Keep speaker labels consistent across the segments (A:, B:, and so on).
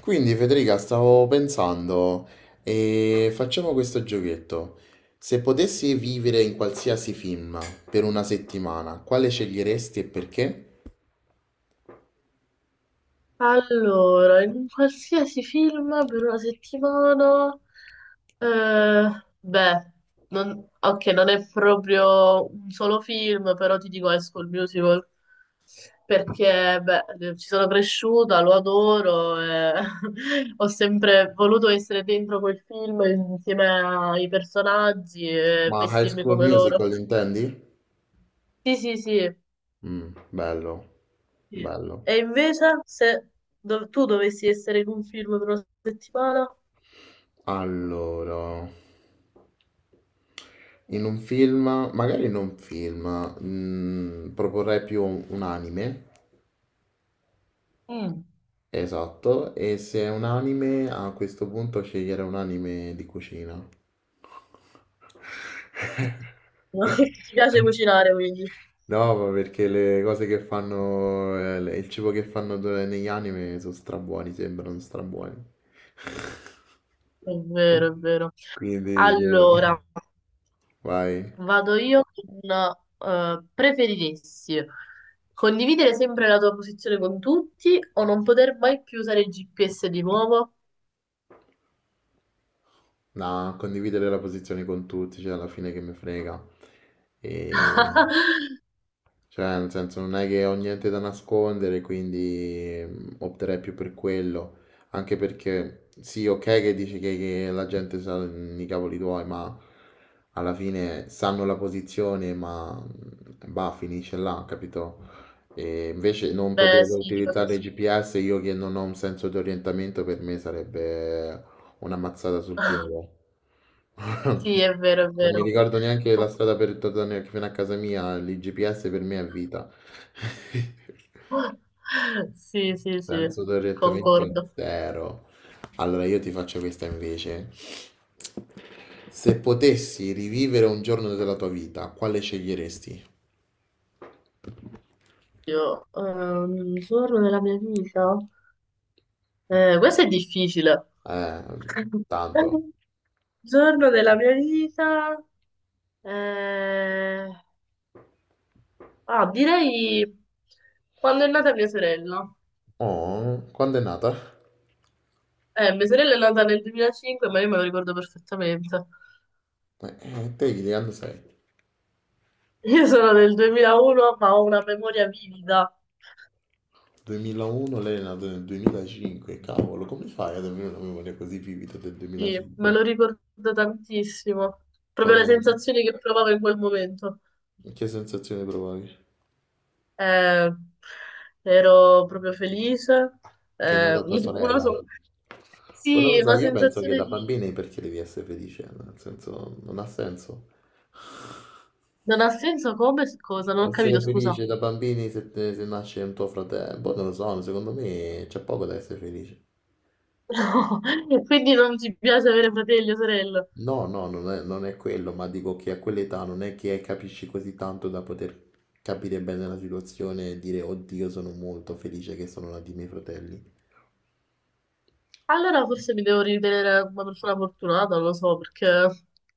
A: Quindi Federica, stavo pensando, e facciamo questo giochetto. Se potessi vivere in qualsiasi film per una settimana, quale sceglieresti e perché?
B: Allora, in un qualsiasi film per una settimana, eh, beh, ok, non è proprio un solo film, però ti dico High School Musical, perché beh, ci sono cresciuta, lo adoro, e ho sempre voluto essere dentro quel film insieme ai personaggi e
A: Ma High
B: vestirmi
A: School
B: come loro.
A: Musical intendi?
B: Sì, sì, sì.
A: Mm, bello,
B: Sì.
A: bello.
B: E invece, se tu dovessi essere in un film per una settimana.
A: Allora, in un film, magari in un film, proporrei più un anime.
B: Mm.
A: Esatto, e se è un anime, a questo punto scegliere un anime di cucina.
B: No, ti piace cucinare, quindi.
A: No, ma perché le cose che fanno, il cibo che fanno negli anime sono strabuoni, sembrano strabuoni.
B: È vero, è vero.
A: Quindi,
B: Allora,
A: vai.
B: vado io con preferiresti condividere sempre la tua posizione con tutti o non poter mai più usare il GPS di nuovo?
A: No, condividere la posizione con tutti, cioè alla fine che mi frega. E... Cioè, nel senso, non è che ho niente da nascondere, quindi opterei più per quello. Anche perché, sì, ok che dici che la gente sa, i cavoli tuoi, ma alla fine sanno la posizione, ma bah, finisce là, capito? E invece non poter
B: Beh, sì, ti
A: utilizzare il
B: capisco.
A: GPS, io che non ho un senso di orientamento, per me sarebbe una mazzata sul piede.
B: Sì, è vero, è
A: Non mi
B: vero.
A: ricordo neanche la strada per tornare fino a casa mia, l'IGPS per me è vita.
B: Sì, sì, sì,
A: Senso d'orientamento
B: concordo.
A: zero. Allora io ti faccio questa invece. Se potessi rivivere un giorno della tua vita, quale sceglieresti?
B: Io, un giorno nella mia vita. Questo è difficile.
A: Eh, tanto.
B: Giorno della mia vita, eh, ah, direi quando è nata mia sorella.
A: Oh, quando è nata?
B: Mia sorella è nata nel 2005, ma io me lo ricordo perfettamente.
A: Te di che anno sei?
B: Io sono del 2001, ma ho una memoria vivida,
A: 2001, lei è nata nel 2005, cavolo, come fai ad avere una memoria così vivida del
B: sì, me lo
A: 2005?
B: ricordo tantissimo. Proprio le
A: Cosa-
B: sensazioni che provavo in quel momento.
A: che sensazione provavi?
B: Eh, Ero proprio felice.
A: Che è
B: Eh,
A: nata tua
B: una
A: sorella? Poi non
B: sì,
A: lo so,
B: una
A: io penso che
B: sensazione
A: da
B: di...
A: bambini perché devi essere felice, nel senso, non ha senso.
B: Non ha senso come? Cosa? Non ho
A: Essere
B: capito, scusa.
A: felice da bambini se, se nasce un tuo fratello, boh, non lo so, secondo me c'è poco da essere felice.
B: No, quindi non ti piace avere fratelli o sorelle.
A: No, no, non è quello, ma dico che a quell'età non è che capisci così tanto da poter capire bene la situazione e dire, oddio, sono molto felice che sono nati i miei fratelli.
B: Allora forse mi devo ritenere una persona fortunata, non lo so, perché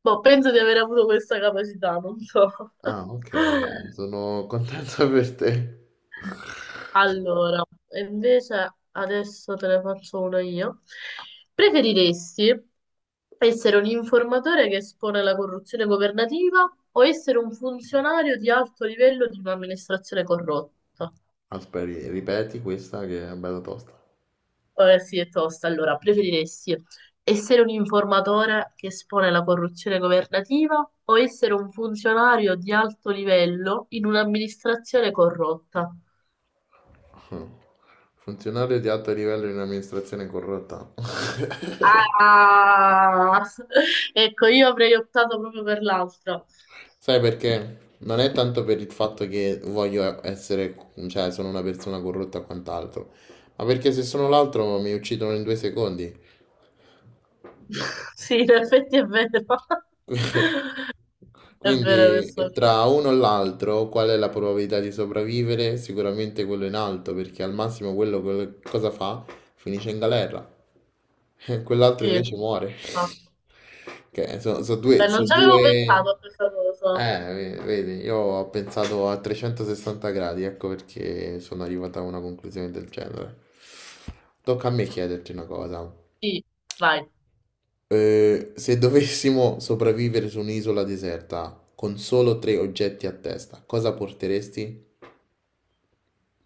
B: boh, penso di aver avuto questa capacità, non so.
A: Ah, ok, dai, sono contento per te.
B: Allora, e invece adesso te ne faccio una io. Preferiresti essere un informatore che espone la corruzione governativa o essere un funzionario di alto livello di un'amministrazione corrotta?
A: Aspetta, ripeti questa che è bella tosta.
B: Sì, è tosta. Allora, preferiresti essere un informatore che espone la corruzione governativa o essere un funzionario di alto livello in un'amministrazione corrotta?
A: Funzionario di alto livello in amministrazione corrotta.
B: Ah, ecco, io avrei optato proprio per l'altra.
A: Sai perché? Non è tanto per il fatto che voglio essere, cioè sono una persona corrotta o quant'altro, ma perché se sono l'altro mi uccidono in due secondi.
B: Sì, in effetti è vero. È vero
A: Quindi,
B: questo.
A: tra uno e l'altro qual è la probabilità di sopravvivere? Sicuramente quello in alto, perché al massimo quello, cosa fa? Finisce in galera. Quell'altro
B: Sì,
A: invece muore.
B: esatto.
A: Che sono,
B: Beh,
A: due, so
B: non ci avevo
A: due...
B: pensato a questa cosa.
A: Vedi, io ho pensato a 360 gradi, ecco perché sono arrivato a una conclusione del genere. Tocca a me chiederti una cosa.
B: Sì, vai.
A: Se dovessimo sopravvivere su un'isola deserta con solo tre oggetti a testa, cosa porteresti?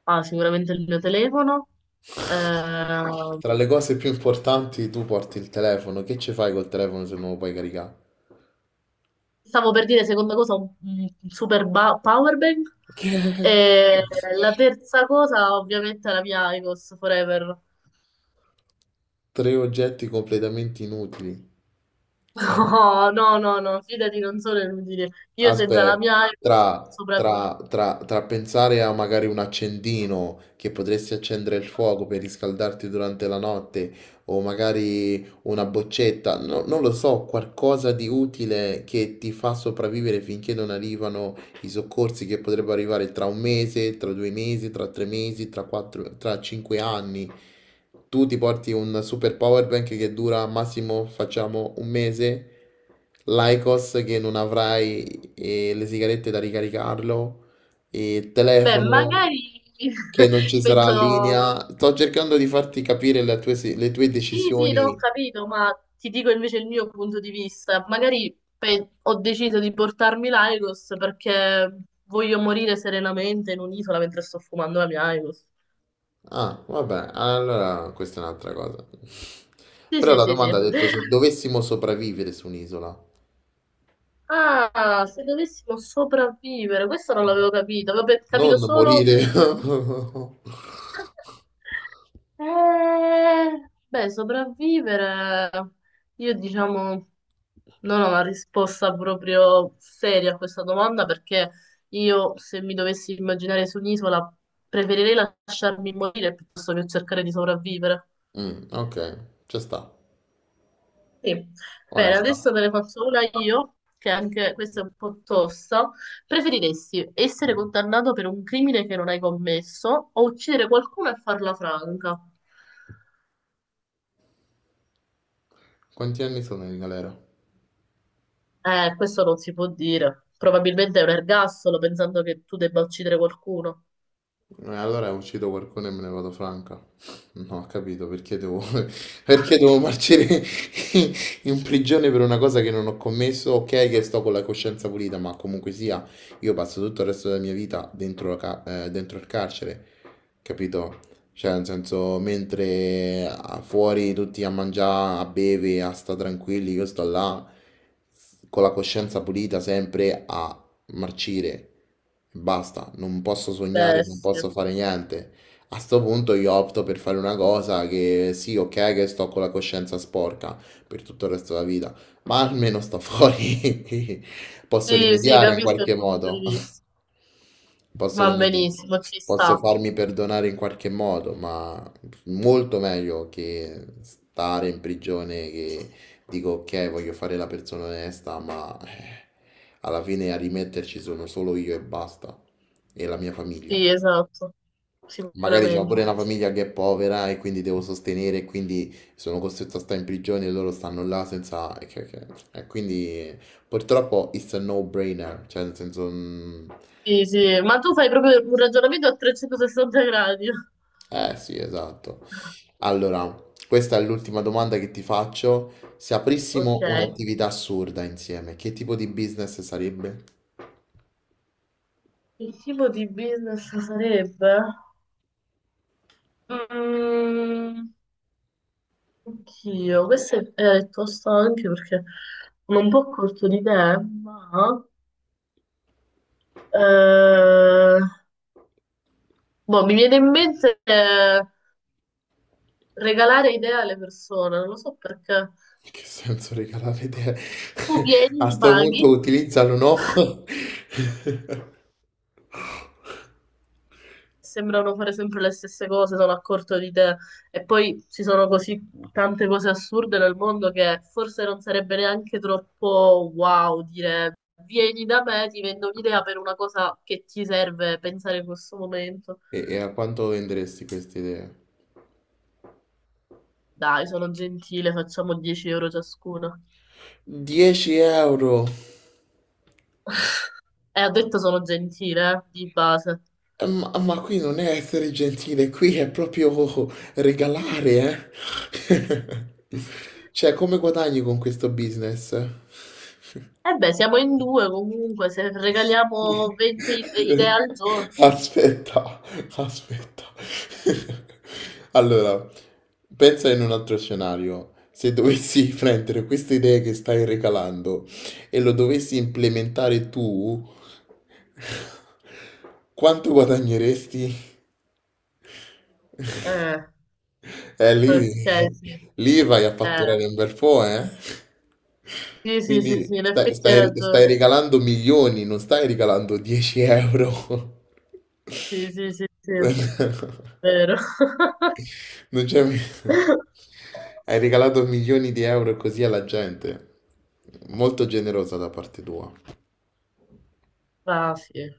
B: Ah, sicuramente il mio telefono. Ehm,
A: Tra le cose più importanti, tu porti il telefono. Che ci fai col telefono se non lo puoi caricare?
B: Stavo per dire, seconda cosa, un super power bank.
A: Che?
B: E la terza cosa, ovviamente, è la mia IQOS Forever.
A: Tre oggetti completamente inutili.
B: No, no, no, no, fidati, non sono inutile. Io senza la
A: Aspetta,
B: mia IQOS non
A: tra,
B: sopravvivo.
A: tra, tra, tra pensare a magari un accendino che potresti accendere il fuoco per riscaldarti durante la notte, o magari una boccetta, non lo so, qualcosa di utile che ti fa sopravvivere finché non arrivano i soccorsi che potrebbero arrivare tra un mese, tra due mesi, tra tre mesi, tra quattro, tra cinque anni. Tu ti porti un super power bank che dura massimo, facciamo, un mese, l'IQOS che non avrai, le sigarette da ricaricarlo, il
B: Beh,
A: telefono
B: magari
A: che non ci sarà
B: penso,
A: linea. Sto cercando di farti capire le tue, le tue
B: sì, sì, non ho
A: decisioni.
B: capito, ma ti dico invece il mio punto di vista. Magari ho deciso di portarmi l'IQOS perché voglio morire serenamente in un'isola mentre sto fumando la mia IQOS.
A: Ah, vabbè, allora questa è un'altra cosa.
B: Sì,
A: Però
B: sì,
A: la
B: sì, sì.
A: domanda ha detto se dovessimo sopravvivere su un'isola,
B: Ah, se dovessimo sopravvivere, questo non l'avevo capito, avevo capito
A: non
B: solo...
A: morire.
B: Beh, sopravvivere, io diciamo non ho una risposta proprio seria a questa domanda perché io se mi dovessi immaginare su un'isola preferirei lasciarmi morire piuttosto che cercare di sopravvivere.
A: Mm, ok, ci sta.
B: Sì. Bene,
A: Onesta.
B: adesso te ne faccio una io, che anche questa è un po' tosta. Preferiresti essere condannato per un crimine che non hai commesso o uccidere qualcuno e farla franca?
A: Quanti anni sono in galera?
B: Questo non si può dire. Probabilmente è un ergastolo pensando che tu debba uccidere qualcuno.
A: Allora uccido qualcuno e me ne vado franca. No, ho capito, perché devo, perché devo marcire in prigione per una cosa che non ho commesso. Ok, che sto con la coscienza pulita, ma comunque sia, io passo tutto il resto della mia vita dentro, dentro il carcere, capito? Cioè, nel senso, mentre fuori tutti a mangiare, a bere, a sta tranquilli, io sto là con la coscienza pulita sempre a marcire, basta, non posso sognare,
B: Beh,
A: non
B: sì.
A: posso fare niente. A sto punto io opto per fare una cosa che sì, ok, che sto con la coscienza sporca per tutto il resto della vita, ma almeno sto fuori. Posso
B: Sì, sì,
A: rimediare in
B: capisco
A: qualche
B: il tuo punto di
A: modo.
B: vista.
A: Posso
B: Va
A: rimediare.
B: benissimo, ci
A: Posso
B: sta.
A: farmi perdonare in qualche modo, ma molto meglio che stare in prigione, che dico, ok, voglio fare la persona onesta, ma, alla fine a rimetterci sono solo io e basta, e la mia famiglia.
B: Sì, esatto,
A: Magari c'ho
B: sicuramente.
A: pure una famiglia che è povera e quindi devo sostenere, e quindi sono costretto a stare in prigione e loro stanno là senza... E e quindi purtroppo it's a no-brainer, cioè nel senso... mm,
B: Sì, sì, ma tu fai proprio un ragionamento a 360 gradi.
A: eh sì, esatto. Allora, questa è l'ultima domanda che ti faccio. Se
B: Ok.
A: aprissimo un'attività assurda insieme, che tipo di business sarebbe?
B: Che tipo di business sarebbe? Mm, oddio, questa è tosta anche perché sono un po' corto di idee, ma eh, boh, mi viene in mente regalare idee alle persone, non lo so perché
A: Che senso regalare te?
B: tu vieni,
A: A
B: mi
A: sto
B: paghi.
A: punto utilizzalo, no?
B: Sembrano fare sempre le stesse cose, sono a corto di idee. E poi ci sono così tante cose assurde nel mondo che forse non sarebbe neanche troppo wow dire vieni da me, ti vendo un'idea per una cosa che ti serve pensare in questo momento.
A: E, e a quanto venderesti queste idee?
B: Dai, sono gentile, facciamo 10 euro ciascuna.
A: 10 euro!
B: E ho detto sono gentile, di base.
A: Ma qui non è essere gentile, qui è proprio regalare, eh? Cioè, come guadagni con questo business?
B: E beh, siamo in due comunque, se regaliamo 20 idee al giorno.
A: Aspetta, aspetta. Allora, pensa in un altro scenario. Se dovessi prendere queste idee che stai recalando e lo dovessi implementare tu, quanto guadagneresti?
B: Eh,
A: Eh, lì,
B: ok, sì.
A: lì vai a fatturare
B: Eh.
A: un bel po', eh?
B: Sì, sì, sì, sì,
A: Quindi
B: in
A: stai,
B: effetti hai
A: stai, stai
B: ragione.
A: regalando milioni, non stai regalando 10 euro.
B: Sì, sì, sì, sì, vero.
A: Non c'è... mi- Hai regalato milioni di euro così alla gente. Molto generosa da parte tua.
B: Raffi.